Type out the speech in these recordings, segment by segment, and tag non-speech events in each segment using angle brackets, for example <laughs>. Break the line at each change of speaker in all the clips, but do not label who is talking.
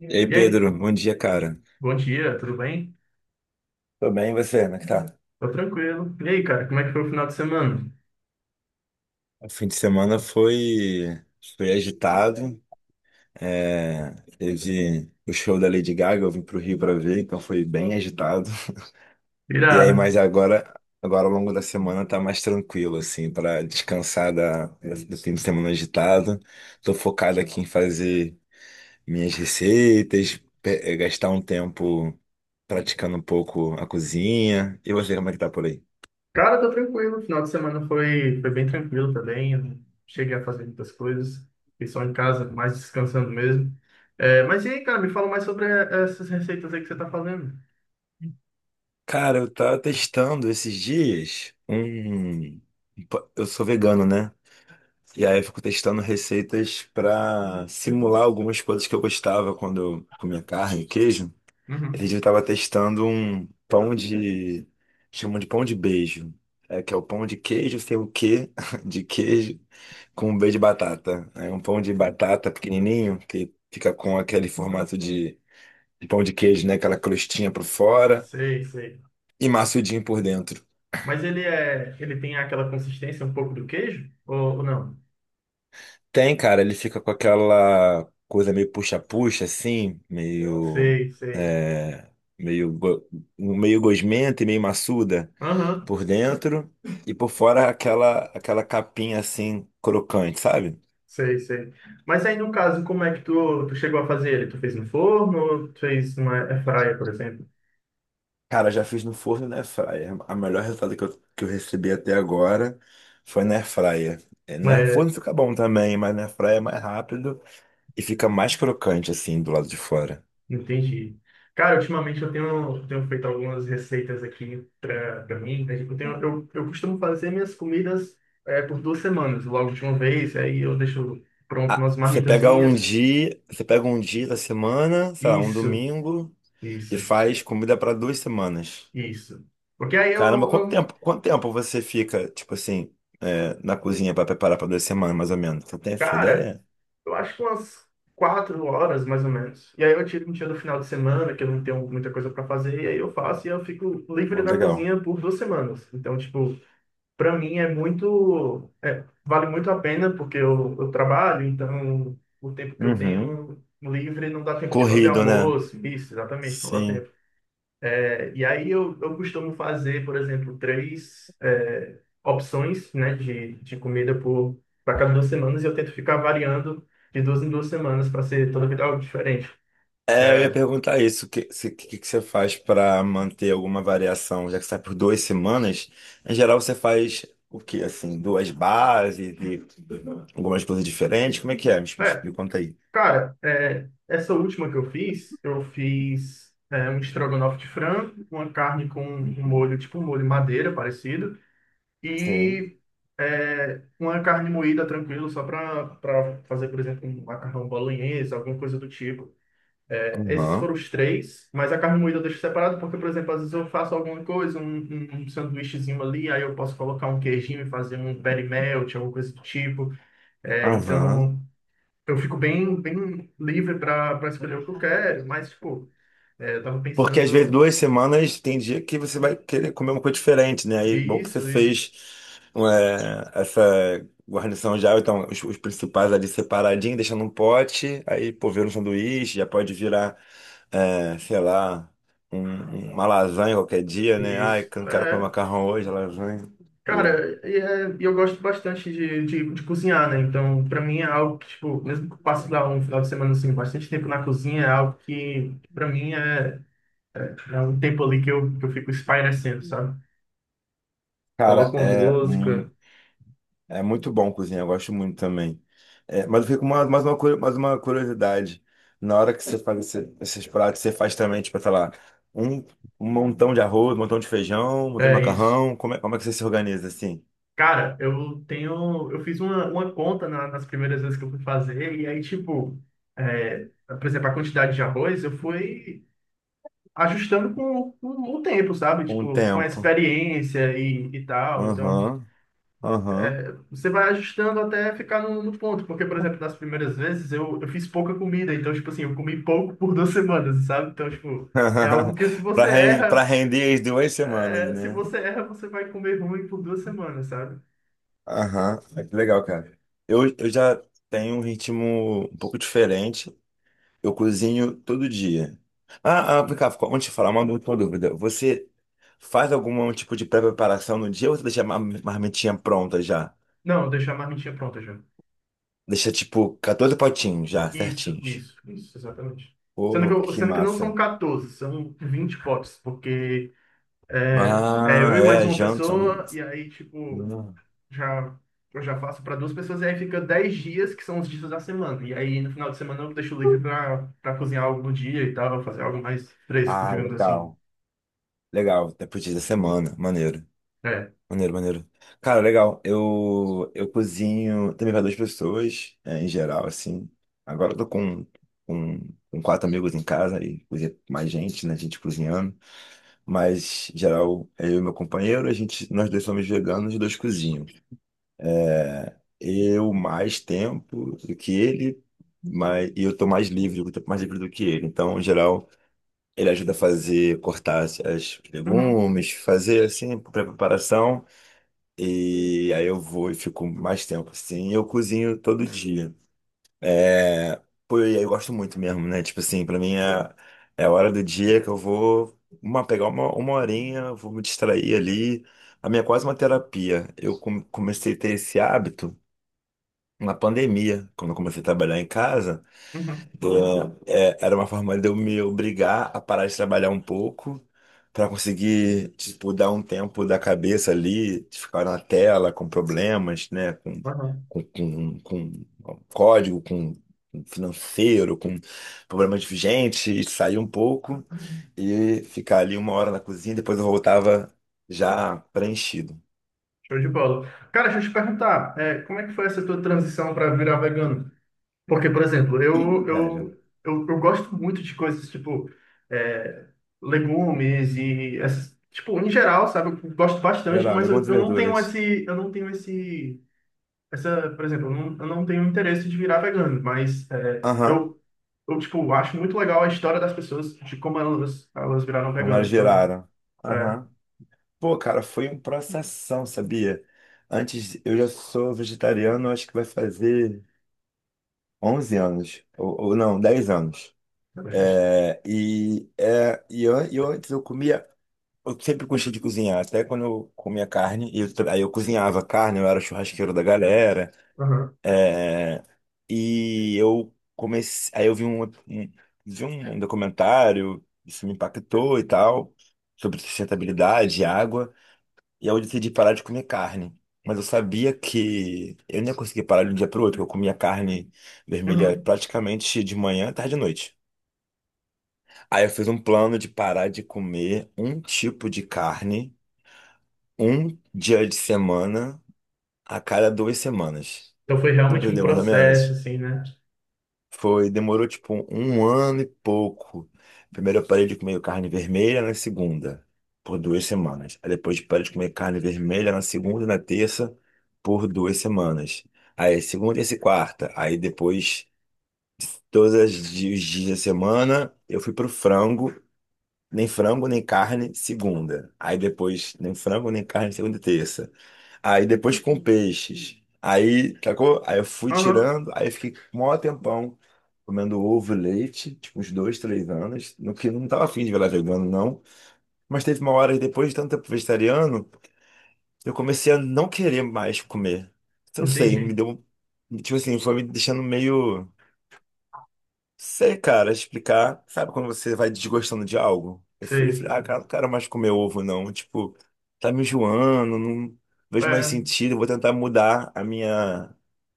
Ei,
E aí,
Pedro, bom dia, cara.
bom dia, tudo bem?
Tô bem, e você? Como é que tá?
Tô tranquilo. E aí, cara, como é que foi o final de semana?
O fim de semana foi agitado. É, teve o show da Lady Gaga, eu vim pro Rio pra ver, então foi bem agitado. E aí,
Irado.
mas agora ao longo da semana tá mais tranquilo, assim, pra descansar do fim de semana agitado. Tô focado aqui em fazer minhas receitas, gastar um tempo praticando um pouco a cozinha. E você, como é que tá por aí?
Cara, tô tranquilo. O final de semana foi bem tranquilo também. Eu não cheguei a fazer muitas coisas. Fiquei só em casa, mais descansando mesmo. É, mas e aí, cara, me fala mais sobre essas receitas aí que você tá fazendo.
Cara, eu tava testando esses dias um. Eu sou vegano, né? E aí eu fico testando receitas pra simular algumas coisas que eu gostava quando eu comia carne, queijo. Esse
Uhum.
dia eu tava testando um pão de. Chamam de pão de beijo. É que é o pão de queijo sem o quê <laughs> de queijo com um beijo de batata. É um pão de batata pequenininho que fica com aquele formato de pão de queijo, né? Aquela crostinha por fora
Sei, sei.
e maçudinho por dentro.
Mas ele tem aquela consistência um pouco do queijo? Ou não?
Tem, cara, ele fica com aquela coisa meio puxa-puxa, assim, meio.
Sei, sei.
É, meio, go- meio gosmenta e meio maçuda
Aham.
por dentro, e por fora aquela capinha assim, crocante, sabe?
Sei, sei. Mas aí, no caso, como é que tu chegou a fazer ele? Tu fez no forno ou tu fez uma airfryer, por exemplo?
Cara, já fiz no forno e na air fryer. A melhor resultado que eu recebi até agora foi na air fryer. É,
É,
forno fica bom também, mas na air fryer é mais rápido e fica mais crocante, assim, do lado de fora.
entendi. Cara, ultimamente eu tenho feito algumas receitas aqui pra mim, né? Tipo, eu costumo fazer minhas comidas, por 2 semanas, logo de uma vez. Aí eu deixo pronto
Ah,
umas marmitazinhas.
você pega um dia da semana, sei lá, um
Isso,
domingo, e
isso,
faz comida para 2 semanas.
isso. Porque aí
Caramba,
eu,
quanto
eu-
tempo, quanto tempo você fica, tipo assim, na cozinha para preparar para 2 semanas, mais ou menos? Você tem essa
cara,
ideia?
eu acho que umas 4 horas, mais ou menos. E aí eu tiro um dia do final de semana, que eu não tenho muita coisa para fazer, e aí eu faço e eu fico livre
Ó,
da
legal.
cozinha por 2 semanas. Então, tipo, para mim é muito, vale muito a pena, porque eu trabalho, então o tempo que eu
Uhum.
tenho livre não dá tempo de fazer
Corrido, né?
almoço, isso, exatamente, não dá
Sim.
tempo. É, e aí eu costumo fazer, por exemplo, três opções, né, de comida por para cada 2 semanas e eu tento ficar variando de duas em duas semanas para ser toda vida algo diferente.
É, eu ia
É,
perguntar isso, o que, se- que você faz para manter alguma variação, já que você sai por 2 semanas, em geral você faz o quê, assim, duas bases e algumas coisas diferentes, como é que é? Me
é,
explica, conta aí.
cara, essa última que eu fiz um estrogonofe de frango, uma carne com um
Uhum.
molho, tipo um molho madeira parecido,
Sim.
e uma carne moída tranquilo, só para fazer, por exemplo, um macarrão bolonhesa, alguma coisa do tipo. É, esses foram
Aham,
os três, mas a carne moída eu deixo separado porque, por exemplo, às vezes eu faço alguma coisa, um sanduíchezinho ali, aí eu posso colocar um queijinho e fazer um berry melt, alguma coisa do tipo. É,
aham.
então, eu fico bem, bem livre para escolher o que eu quero, mas, tipo, eu tava
Porque às vezes
pensando
duas semanas tem dia que você vai querer comer uma coisa diferente, né? Aí bom que você
isso, isso,
fez essa guarnição já, então os principais ali separadinho, deixando um pote, aí pô, vira um sanduíche, já pode virar, sei lá, uma lasanha qualquer dia, né? Ai,
isso.
que eu não quero comer
É,
macarrão hoje, lasanha. Boa.
cara, e e eu gosto bastante de cozinhar, né? Então, para mim é algo que, tipo, mesmo que eu passe lá um final de semana, assim, bastante tempo na cozinha, é algo que, para mim, é. É um tempo ali que eu fico espairecendo, sabe?
Cara,
Coloco uma
é.
música,
É muito bom cozinhar, eu gosto muito também. É, mas eu fico com mais uma curiosidade. Na hora que você faz esses pratos, você faz também, tipo, sei lá, um, um montão de arroz, um montão de feijão, um montão de
é isso.
macarrão. Como é que você se organiza assim?
Cara, eu tenho. Eu fiz uma conta nas primeiras vezes que eu fui fazer, e aí, tipo, por exemplo, a quantidade de arroz eu fui ajustando com o tempo, sabe?
Com o
Tipo, com a
tempo.
experiência e tal. Então,
Aham, aham.
você vai ajustando até ficar no ponto, porque, por exemplo, nas primeiras vezes eu fiz pouca comida, então, tipo assim, eu comi pouco por 2 semanas, sabe? Então, tipo. É algo
<laughs>
que se
Pra
você
ren- pra
erra,
render as 2 semanas,
é, se
né?
você erra, você vai comer ruim por 2 semanas, sabe?
Aham, é que legal, cara. Eu já tenho um ritmo um pouco diferente. Eu cozinho todo dia. Ah, ah, vem cá, antes de falar, uma última dúvida. Você faz algum tipo de pré-preparação no dia ou você deixa a marmitinha pronta já?
Não, deixar a marmitinha pronta já.
Deixa tipo 14 potinhos já,
Isso,
certinhos.
isso, isso, exatamente. Sendo que,
Oh,
eu-
que
sendo que não são
massa.
14, são 20 potes, porque é
Ah,
eu e mais
é,
uma
janta, né?
pessoa, e aí, tipo, já, eu já faço para duas pessoas, e aí fica 10 dias, que são os dias da semana. E aí, no final de semana, eu deixo livre para cozinhar algo no dia e tal, fazer algo mais fresco,
Ah,
digamos assim.
legal. Legal, depois pro da semana, maneiro.
É.
Maneiro, maneiro. Cara, legal. Eu cozinho também para duas pessoas, em geral, assim. Agora eu tô com, com quatro amigos em casa e cozinha com mais gente, né? Gente cozinhando. Mas, em geral, é eu e meu companheiro, a gente, nós dois somos veganos e dois cozinham. Eu mais tempo do que ele, mas, e eu tô mais livre, eu tô mais livre do que ele. Então, em geral, ele ajuda a fazer, cortar as
Uhum,
legumes, fazer, assim, preparação. E aí eu vou e fico mais tempo, assim. Eu cozinho todo dia. É. Pô, e aí eu gosto muito mesmo, né? Tipo assim, pra mim é a hora do dia que eu vou pegar uma horinha, vou me distrair ali. A minha é quase uma terapia. Eu comecei a ter esse hábito na pandemia, quando eu comecei a trabalhar em casa.
uhum,
É, era uma forma de eu me obrigar a parar de trabalhar um pouco para conseguir, tipo, dar um tempo da cabeça ali, de ficar na tela com problemas, né?
uhum.
Com, com, com código, com financeiro, com problemas de gente, e sair um pouco e ficar ali uma hora na cozinha, depois eu voltava já preenchido.
Show de bola. Cara, deixa eu te perguntar, como é que foi essa tua transição para virar vegano? Porque, por exemplo,
Ih,
eu,
velho,
eu, eu, eu gosto muito de coisas tipo é, legumes e essas, tipo, em geral, sabe? Eu gosto bastante,
geral,
mas eu,
algumas
eu não tenho
verduras.
esse, eu não tenho esse, essa, por exemplo, eu não tenho interesse de virar vegano, mas
Aham,
eu, tipo, acho muito legal a história das pessoas, de como elas viraram
como elas
veganas. Então,
viraram.
é,
Aham. Pô, cara, foi um processão, sabia? Antes, eu já sou vegetariano, acho que vai fazer 11 anos, ou não, 10 anos.
é bastante.
E antes eu comia, eu sempre gostei de cozinhar, até quando eu comia carne, e eu aí eu cozinhava carne, eu era churrasqueiro da galera,
Aham.
é, e eu comecei, aí eu vi um documentário, isso me impactou e tal, sobre sustentabilidade, água. E aí eu decidi parar de comer carne. Mas eu sabia que eu não ia conseguir parar de um dia para o outro, porque eu comia carne vermelha
Uhum.
praticamente de manhã, tarde e noite. Aí eu fiz um plano de parar de comer um tipo de carne, um dia de semana, a cada 2 semanas.
Então foi
Deu pra
realmente um
entender mais ou
processo,
menos?
assim, né?
Foi, demorou tipo um ano e pouco. Primeiro eu parei de comer carne vermelha na segunda, por 2 semanas. Aí depois parei de comer carne vermelha na segunda e na terça, por 2 semanas. Aí segunda e quarta. Aí depois, todos os dias da semana, eu fui pro frango. Nem frango, nem carne, segunda. Aí depois, nem frango, nem carne, segunda e terça. Aí depois com peixes. Aí, sacou? Aí eu fui
Aham,
tirando, aí fiquei um maior tempão comendo ovo e leite, tipo uns dois, três anos, no que não tava afim de virar vegano, não. Mas teve uma hora, depois de tanto tempo vegetariano, eu comecei a não querer mais comer. Eu não sei, me
entendi.
deu. Tipo assim, foi me deixando meio. Sei, cara, explicar. Sabe quando você vai desgostando de algo? Eu fui,
Sei.
falei, ah, cara, não quero mais comer ovo, não. Tipo, tá me enjoando, não vejo mais
É,
sentido, vou tentar mudar a minha,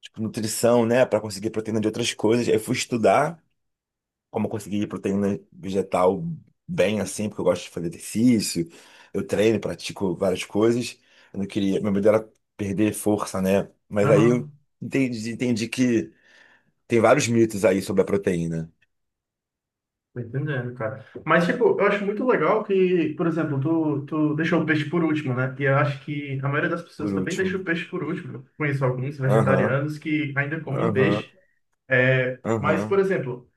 tipo, nutrição, né, pra conseguir proteína de outras coisas. Aí fui estudar como conseguir proteína vegetal bem assim, porque eu gosto de fazer exercício, eu treino, pratico várias coisas. Eu não queria, meu medo era perder força, né? Mas aí eu
aham,
entendi que tem vários mitos aí sobre a proteína,
tô entendendo, cara. Mas, tipo, eu acho muito legal que, por exemplo, tu deixou o peixe por último, né? E eu acho que a maioria das pessoas
por
também deixa
último.
o peixe por último. Eu conheço alguns
Aham,
vegetarianos que ainda comem
aham,
peixe. É, mas, por
aham.
exemplo,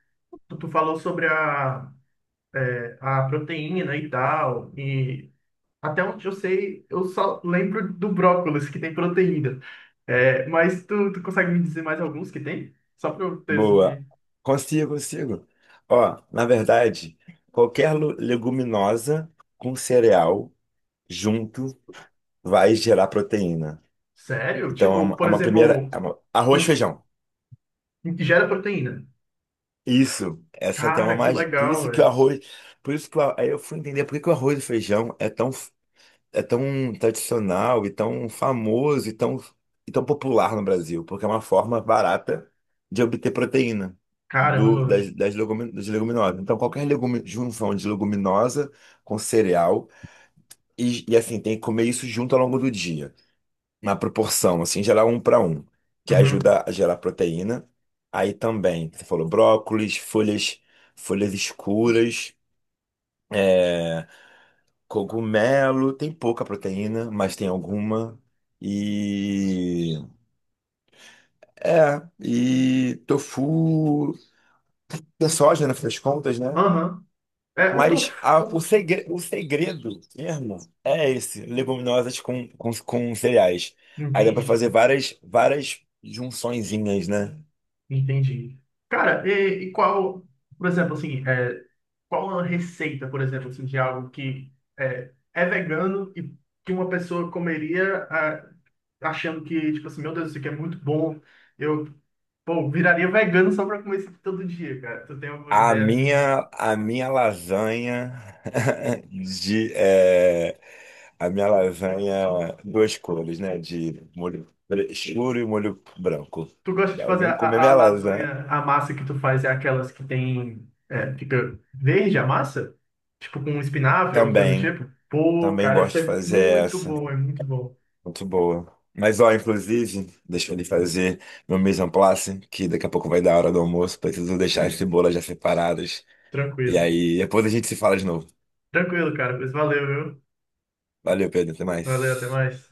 tu falou sobre a proteína e tal, e até onde eu sei, eu só lembro do brócolis, que tem proteína. É, mas tu consegue me dizer mais alguns que tem? Só pra eu ter,
Boa.
assim.
Consigo, consigo. Ó, na verdade, qualquer leguminosa com cereal junto vai gerar proteína.
Sério?
Então, é
Tipo,
uma, é
por
uma
exemplo,
primeira.
um,
Arroz,
um-
feijão.
um que gera proteína.
Isso. Essa tem uma
Cara, que
magia. Por
legal,
isso que o
velho.
arroz. Por isso que aí eu fui entender por que que o arroz e feijão é tão tradicional e tão famoso e tão popular no Brasil, porque é uma forma barata de obter proteína do,
Caramba, velho.
das, das, legumi- das leguminosas. Então, qualquer legume, junção de leguminosa com cereal, e assim, tem que comer isso junto ao longo do dia, na proporção, assim, gerar um para um, que
Uhum.
ajuda a gerar proteína. Aí também, você falou brócolis, folhas, folhas escuras. é, Cogumelo tem pouca proteína, mas tem alguma. E e tofu, tem soja, no fim das contas, né?
Aham. É, o tofu.
Mas a- o
o-
segre, o segredo mesmo é esse, leguminosas com cereais. Aí dá pra
Entendi.
fazer várias várias junçõezinhas, né?
Entendi. Cara, e qual, por exemplo, assim, qual a receita, por exemplo, assim, de algo que é vegano e que uma pessoa comeria ah, achando que, tipo assim, meu Deus, isso aqui é muito bom. Eu, pô, viraria vegano só pra comer isso aqui todo dia, cara. Tu tem alguma
A
ideia assim?
minha, a minha lasanha <laughs> de é, a minha lasanha duas cores, né? De molho escuro e molho branco.
Tu gosta
Se
de fazer
alguém comer
a
minha lasanha,
lasanha, a massa que tu faz é aquelas que tem, é, fica verde a massa? Tipo com espinafre, alguma coisa do
também,
tipo? Pô,
também
cara,
gosto
isso
de
é
fazer
muito
essa.
bom, é muito bom.
Muito boa. Mas ó, inclusive, deixa eu lhe fazer meu mise en place, que daqui a pouco vai dar a hora do almoço. Preciso deixar as cebolas já separadas. E
Tranquilo.
aí, depois a gente se fala de novo.
Tranquilo, cara, pois valeu, viu?
Valeu, Pedro, até
Valeu, até
mais.
mais.